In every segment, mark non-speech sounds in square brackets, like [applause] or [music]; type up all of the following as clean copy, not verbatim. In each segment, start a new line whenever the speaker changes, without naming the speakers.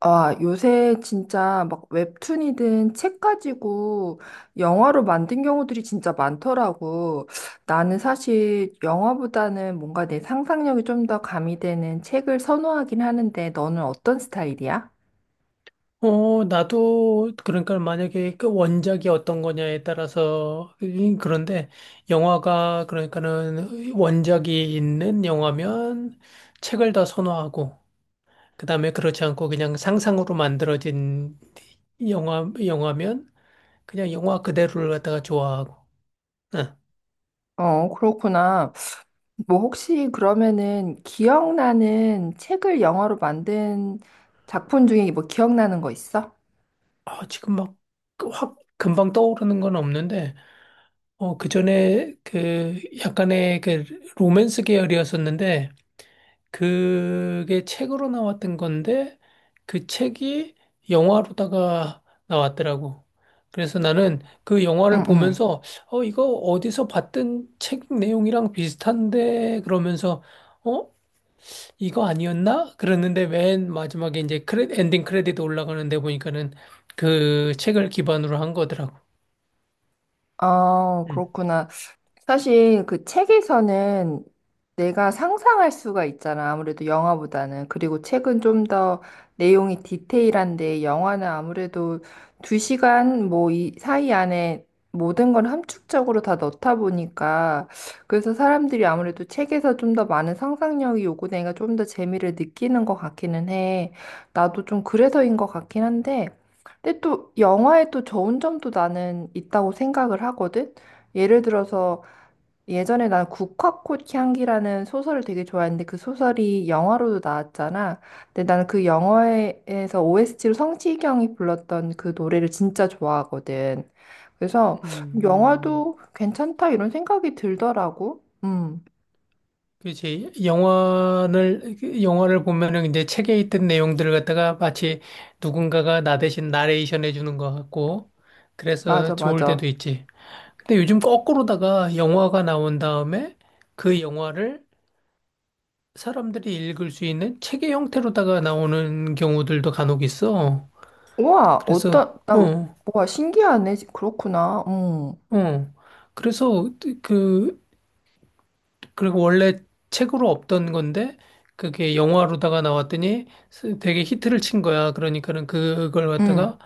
아, 요새 진짜 막 웹툰이든 책 가지고 영화로 만든 경우들이 진짜 많더라고. 나는 사실 영화보다는 뭔가 내 상상력이 좀 더 가미되는 책을 선호하긴 하는데 너는 어떤 스타일이야?
나도, 그러니까 만약에 그 원작이 어떤 거냐에 따라서, 그런데 영화가, 그러니까는 원작이 있는 영화면 책을 더 선호하고, 그 다음에 그렇지 않고 그냥 상상으로 만들어진 영화면 그냥 영화 그대로를 갖다가 좋아하고, 응.
어, 그렇구나. 뭐 혹시 그러면은 기억나는 책을 영화로 만든 작품 중에 뭐 기억나는 거 있어?
아, 지금 막 그 확 금방 떠오르는 건 없는데, 그 전에 그 약간의 그 로맨스 계열이었었는데, 그게 책으로 나왔던 건데 그 책이 영화로다가 나왔더라고. 그래서 나는 그
응,
영화를
응.
보면서 이거 어디서 봤던 책 내용이랑 비슷한데, 그러면서 어 이거 아니었나? 그랬는데 맨 마지막에 이제 엔딩 크레딧 올라가는데 보니까는 그 책을 기반으로 한 거더라고.
아,
음.
그렇구나. 사실 그 책에서는 내가 상상할 수가 있잖아. 아무래도 영화보다는. 그리고 책은 좀 더 내용이 디테일한데 영화는 아무래도 두 시간 뭐 이 사이 안에 모든 걸 함축적으로 다 넣다 보니까 그래서 사람들이 아무래도 책에서 좀 더 많은 상상력이 요구되니까 좀 더 재미를 느끼는 것 같기는 해. 나도 좀 그래서인 것 같긴 한데. 근데 또 영화에 또 좋은 점도 나는 있다고 생각을 하거든. 예를 들어서 예전에 난 국화꽃 향기라는 소설을 되게 좋아했는데 그 소설이 영화로도 나왔잖아. 근데 나는 그 영화에서 OST로 성시경이 불렀던 그 노래를 진짜 좋아하거든. 그래서
음, 음.
영화도 괜찮다 이런 생각이 들더라고.
그렇지. 그 영화를 보면은 이제 책에 있던 내용들을 갖다가 마치 누군가가 나 대신 나레이션 해주는 것 같고,
맞아,
그래서 좋을 때도
맞아.
있지. 근데 요즘 거꾸로다가 영화가 나온 다음에 그 영화를 사람들이 읽을 수 있는 책의 형태로다가 나오는 경우들도 간혹 있어.
우와,
그래서,
어떤, 나,
어,
와, 신기하네. 그렇구나.
어. 그래서 그 그리고 원래 책으로 없던 건데 그게 영화로다가 나왔더니 되게 히트를 친 거야. 그러니까는 그걸
음.
갖다가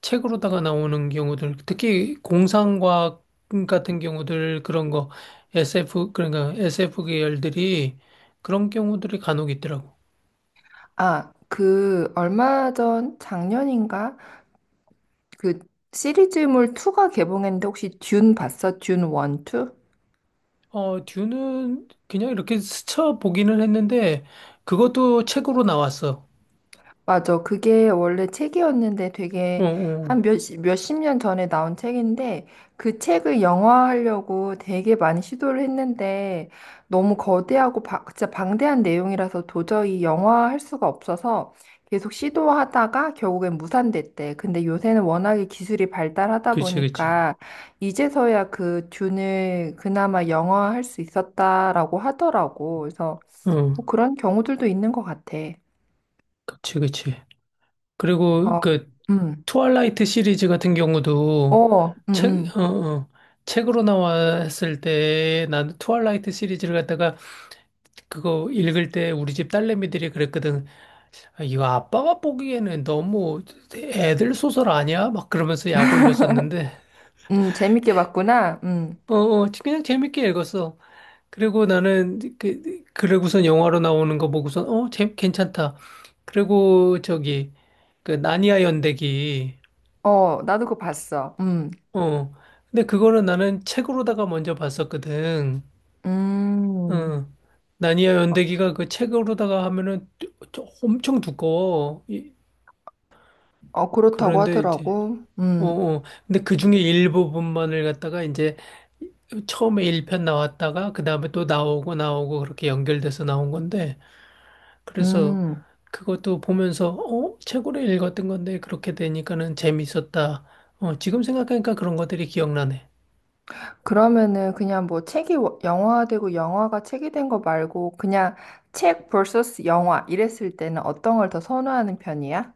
책으로다가 나오는 경우들, 특히 공상과학 같은 경우들 그런 거 SF, 그러니까 SF 계열들이 그런 경우들이 간혹 있더라고.
아, 그 얼마 전 작년인가? 그 시리즈물 2가 개봉했는데 혹시 듄 봤어? 듄 1, 2?
듀는 그냥 이렇게 스쳐 보기는 했는데 그것도 책으로 나왔어.
맞아. 그게 원래 책이었는데
어,
되게
어.
한 몇십 년 전에 나온 책인데 그 책을 영화화하려고 되게 많이 시도를 했는데 너무 거대하고 진짜 방대한 내용이라서 도저히 영화화할 수가 없어서 계속 시도하다가 결국엔 무산됐대. 근데 요새는 워낙에 기술이 발달하다
그치, 그치.
보니까 이제서야 그 듄을 그나마 영화화할 수 있었다라고 하더라고. 그래서
어,
뭐 그런 경우들도 있는 것 같아.
그치, 그치. 그리고
어,
그
음.
트와일라이트 시리즈 같은 경우도
어,
책, 어, 어, 책으로 나왔을 때, 나는 트와일라이트 시리즈를 갖다가 그거 읽을 때 우리 집 딸내미들이 그랬거든. 아, 이거 아빠가 보기에는 너무 애들 소설 아니야? 막 그러면서 약 올렸었는데.
재밌게 봤구나.
어, 어, 그냥 재밌게 읽었어. 그리고 나는 그러고선 영화로 나오는 거 보고선 괜찮다. 그리고 저기 그 나니아 연대기.
어, 나도 그거 봤어.
어. 근데 그거는 나는 책으로다가 먼저 봤었거든.
음,
어. 나니아
어,
연대기가 그 책으로다가 하면은 엄청 두꺼워.
어, 그렇다고
그런데 이제
하더라고.
근데 그 중에 일부분만을 갖다가 이제 처음에 1편 나왔다가 그다음에 또 나오고 나오고 그렇게 연결돼서 나온 건데, 그래서
음.
그것도 보면서 책으로 읽었던 건데 그렇게 되니까는 재밌었다. 지금 생각하니까 그런 것들이 기억나네.
그러면은 그냥 뭐 책이 영화화되고 영화가 책이 된 거 말고 그냥 책 vs 영화 이랬을 때는 어떤 걸 더 선호하는 편이야?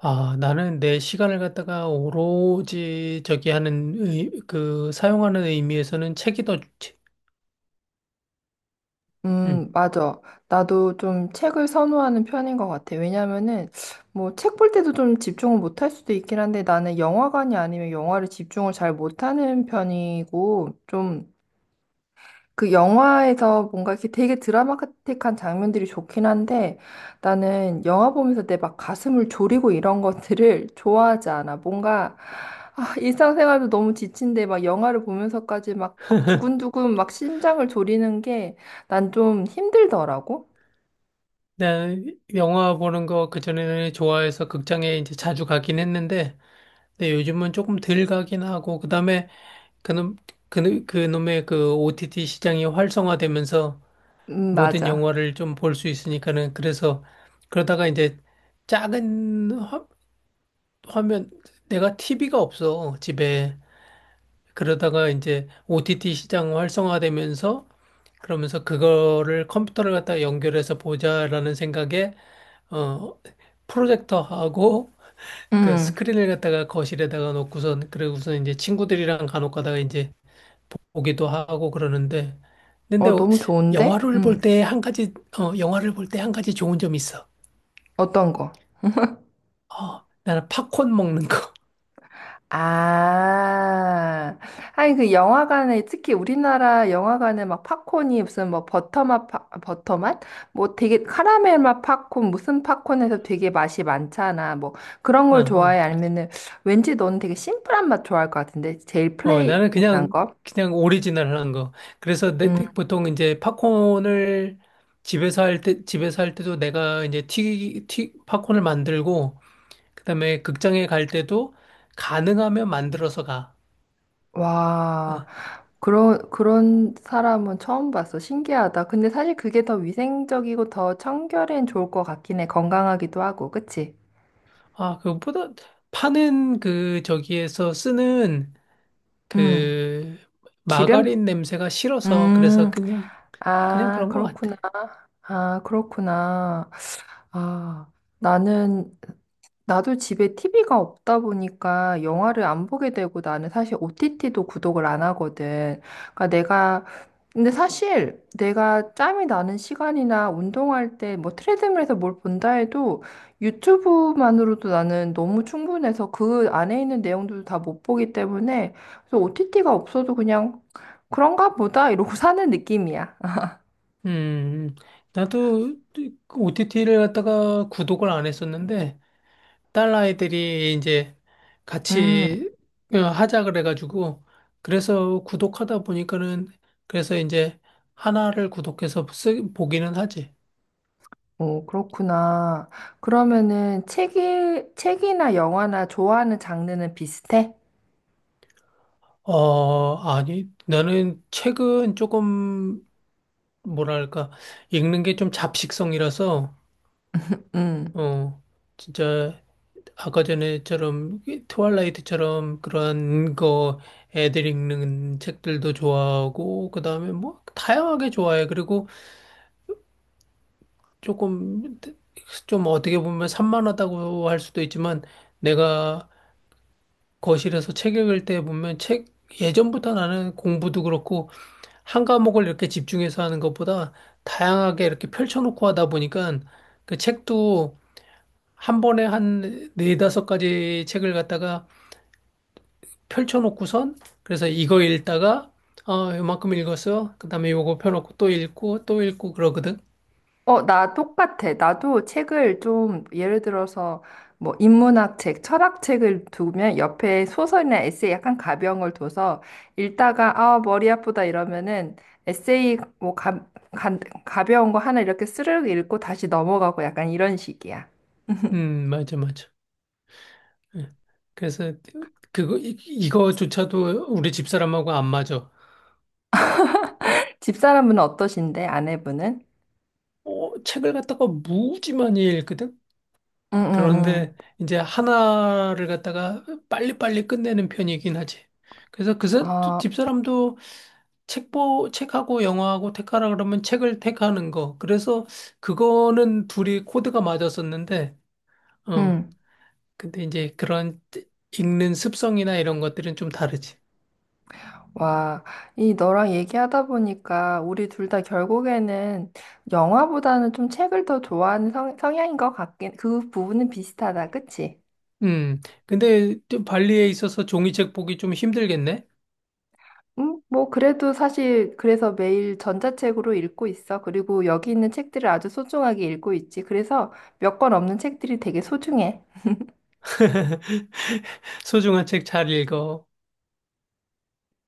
아, 나는 내 시간을 갖다가 오로지 저기 하는 그 사용하는 의미에서는 책이 더 좋지. 응.
맞아. 나도 좀 책을 선호하는 편인 것 같아. 왜냐면은, 뭐, 책 볼 때도 좀 집중을 못할 수도 있긴 한데, 나는 영화관이 아니면 영화를 집중을 잘 못하는 편이고, 좀, 그 영화에서 뭔가 이렇게 되게 드라마틱한 장면들이 좋긴 한데 나는 영화 보면서 내 막 가슴을 졸이고 이런 것들을 [laughs] 좋아하지 않아. 뭔가 아, 일상생활도 너무 지친데 막 영화를 보면서까지 막, 막 두근두근 막 심장을 졸이는 게 난 좀 힘들더라고.
내가 영화 보는 거 그전에는 좋아해서 극장에 이제 자주 가긴 했는데, 근데 요즘은 조금 덜 가긴 하고, 그다음에 그놈 그놈의 그 OTT 시장이 활성화되면서 모든
맞아.
영화를 좀 볼 수 있으니까는, 그래서 그러다가 이제 작은 화면, 내가 TV가 없어 집에. 그러다가 이제 OTT 시장 활성화되면서, 그러면서 그거를 컴퓨터를 갖다 연결해서 보자라는 생각에 어 프로젝터하고 그
음.
스크린을 갖다가 거실에다가 놓고선, 그러고선 이제 친구들이랑 간혹 가다가 이제 보기도 하고 그러는데. 근데
어, 너무 좋은데?
영화를 볼
음.
때 한 가지 영화를 볼 때 한 가지 좋은 점이 있어.
어떤 거?
나는 팝콘 먹는 거.
아, 아니, 그 영화관에, 특히 우리나라 영화관에 막 팝콘이 무슨 뭐 버터맛, 버터맛? 뭐 되게 카라멜 맛 팝콘, 무슨 팝콘에서 되게 맛이 많잖아. 뭐 그런
[laughs] 어,
걸
어,
좋아해?
그렇지.
아니면은 왠지 너는 되게 심플한 맛 좋아할 것 같은데? 제일
나는
플레인한
그냥,
거?
그냥 오리지널 한 거. 그래서
음,
보통 이제 팝콘을 집에서 할 때도 내가 이제 팝콘을 만들고, 그다음에 극장에 갈 때도 가능하면 만들어서 가.
와,
어.
그런 사람은 처음 봤어. 신기하다. 근데 사실 그게 더 위생적이고 더 청결엔 좋을 것 같긴 해. 건강하기도 하고, 그치?
아, 그것보다 파는 그 저기에서 쓰는
음,
그
기름?
마가린 냄새가 싫어서, 그래서
음,
그냥, 그냥
아,
그런 것 같아.
그렇구나. 아, 그렇구나. 아, 나는 나도 집에 TV가 없다 보니까 영화를 안 보게 되고 나는 사실 OTT도 구독을 안 하거든. 그러니까 내가 근데 사실 내가 짬이 나는 시간이나 운동할 때 뭐 트레드밀에서 뭘 본다 해도 유튜브만으로도 나는 너무 충분해서 그 안에 있는 내용들도 다 못 보기 때문에 그래서 OTT가 없어도 그냥 그런가 보다 이러고 [laughs] 사는 느낌이야.
음, 음. 나도 OTT를 갖다가 구독을 안 했었는데, 딸아이들이 이제
음.
같이 하자 그래가지고, 그래서 구독하다 보니까는, 그래서 이제 하나를 구독해서 보기는 하지.
오, 그렇구나. 그러면은 책이, 책이나 영화나 좋아하는 장르는 비슷해?
아니, 나는 책은 조금 뭐랄까 읽는 게 좀 잡식성이라서,
음.
어, 진짜 아까 전에처럼 이 트와일라이트처럼 그런 거 애들 읽는 책들도 좋아하고, 그다음에 뭐 다양하게 좋아해. 그리고 조금, 좀 어떻게 보면 산만하다고 할 수도 있지만, 내가 거실에서 책 읽을 때 보면 책 예전부터 나는 공부도 그렇고 한 과목을 이렇게 집중해서 하는 것보다 다양하게 이렇게 펼쳐놓고 하다 보니까, 그 책도 한 번에 한 네다섯 가지 책을 갖다가 펼쳐놓고선, 그래서 이거 읽다가 이만큼 읽었어. 그다음에 요거 펴놓고 또 읽고 또 읽고 그러거든.
어, 나 똑같아. 나도 책을 좀, 예를 들어서, 뭐, 인문학 책, 철학 책을 두면 옆에 소설이나 에세이 약간 가벼운 걸 둬서 읽다가, 아, 머리 아프다 이러면은 에세이 뭐, 가, 가벼운 거 하나 이렇게 스르륵 읽고 다시 넘어가고 약간 이런 식이야.
맞아, 맞아. 예. 그래서 그거 이거조차도 우리 집사람하고 안 맞아.
집사람은 어떠신데, 아내분은?
책을 갖다가 무지 많이 읽거든.
응, 응,
그런데
응.
이제 하나를 갖다가 빨리빨리 끝내는 편이긴 하지. 그래서 그
아,
집사람도 책보 책하고 영화하고 택하라 그러면 책을 택하는 거. 그래서 그거는 둘이 코드가 맞았었는데, 어.
응.
근데 이제 그런 읽는 습성이나 이런 것들은 좀 다르지.
와, 이 너랑 얘기하다 보니까 우리 둘 다 결국에는 영화보다는 좀 책을 더 좋아하는 성향인 것 같긴, 그 부분은 비슷하다, 그치?
음, 근데 또 발리에 있어서 종이책 보기 좀 힘들겠네?
뭐, 그래도 사실, 그래서 매일 전자책으로 읽고 있어. 그리고 여기 있는 책들을 아주 소중하게 읽고 있지. 그래서 몇 권 없는 책들이 되게 소중해.
[laughs] 소중한 책 잘 읽어.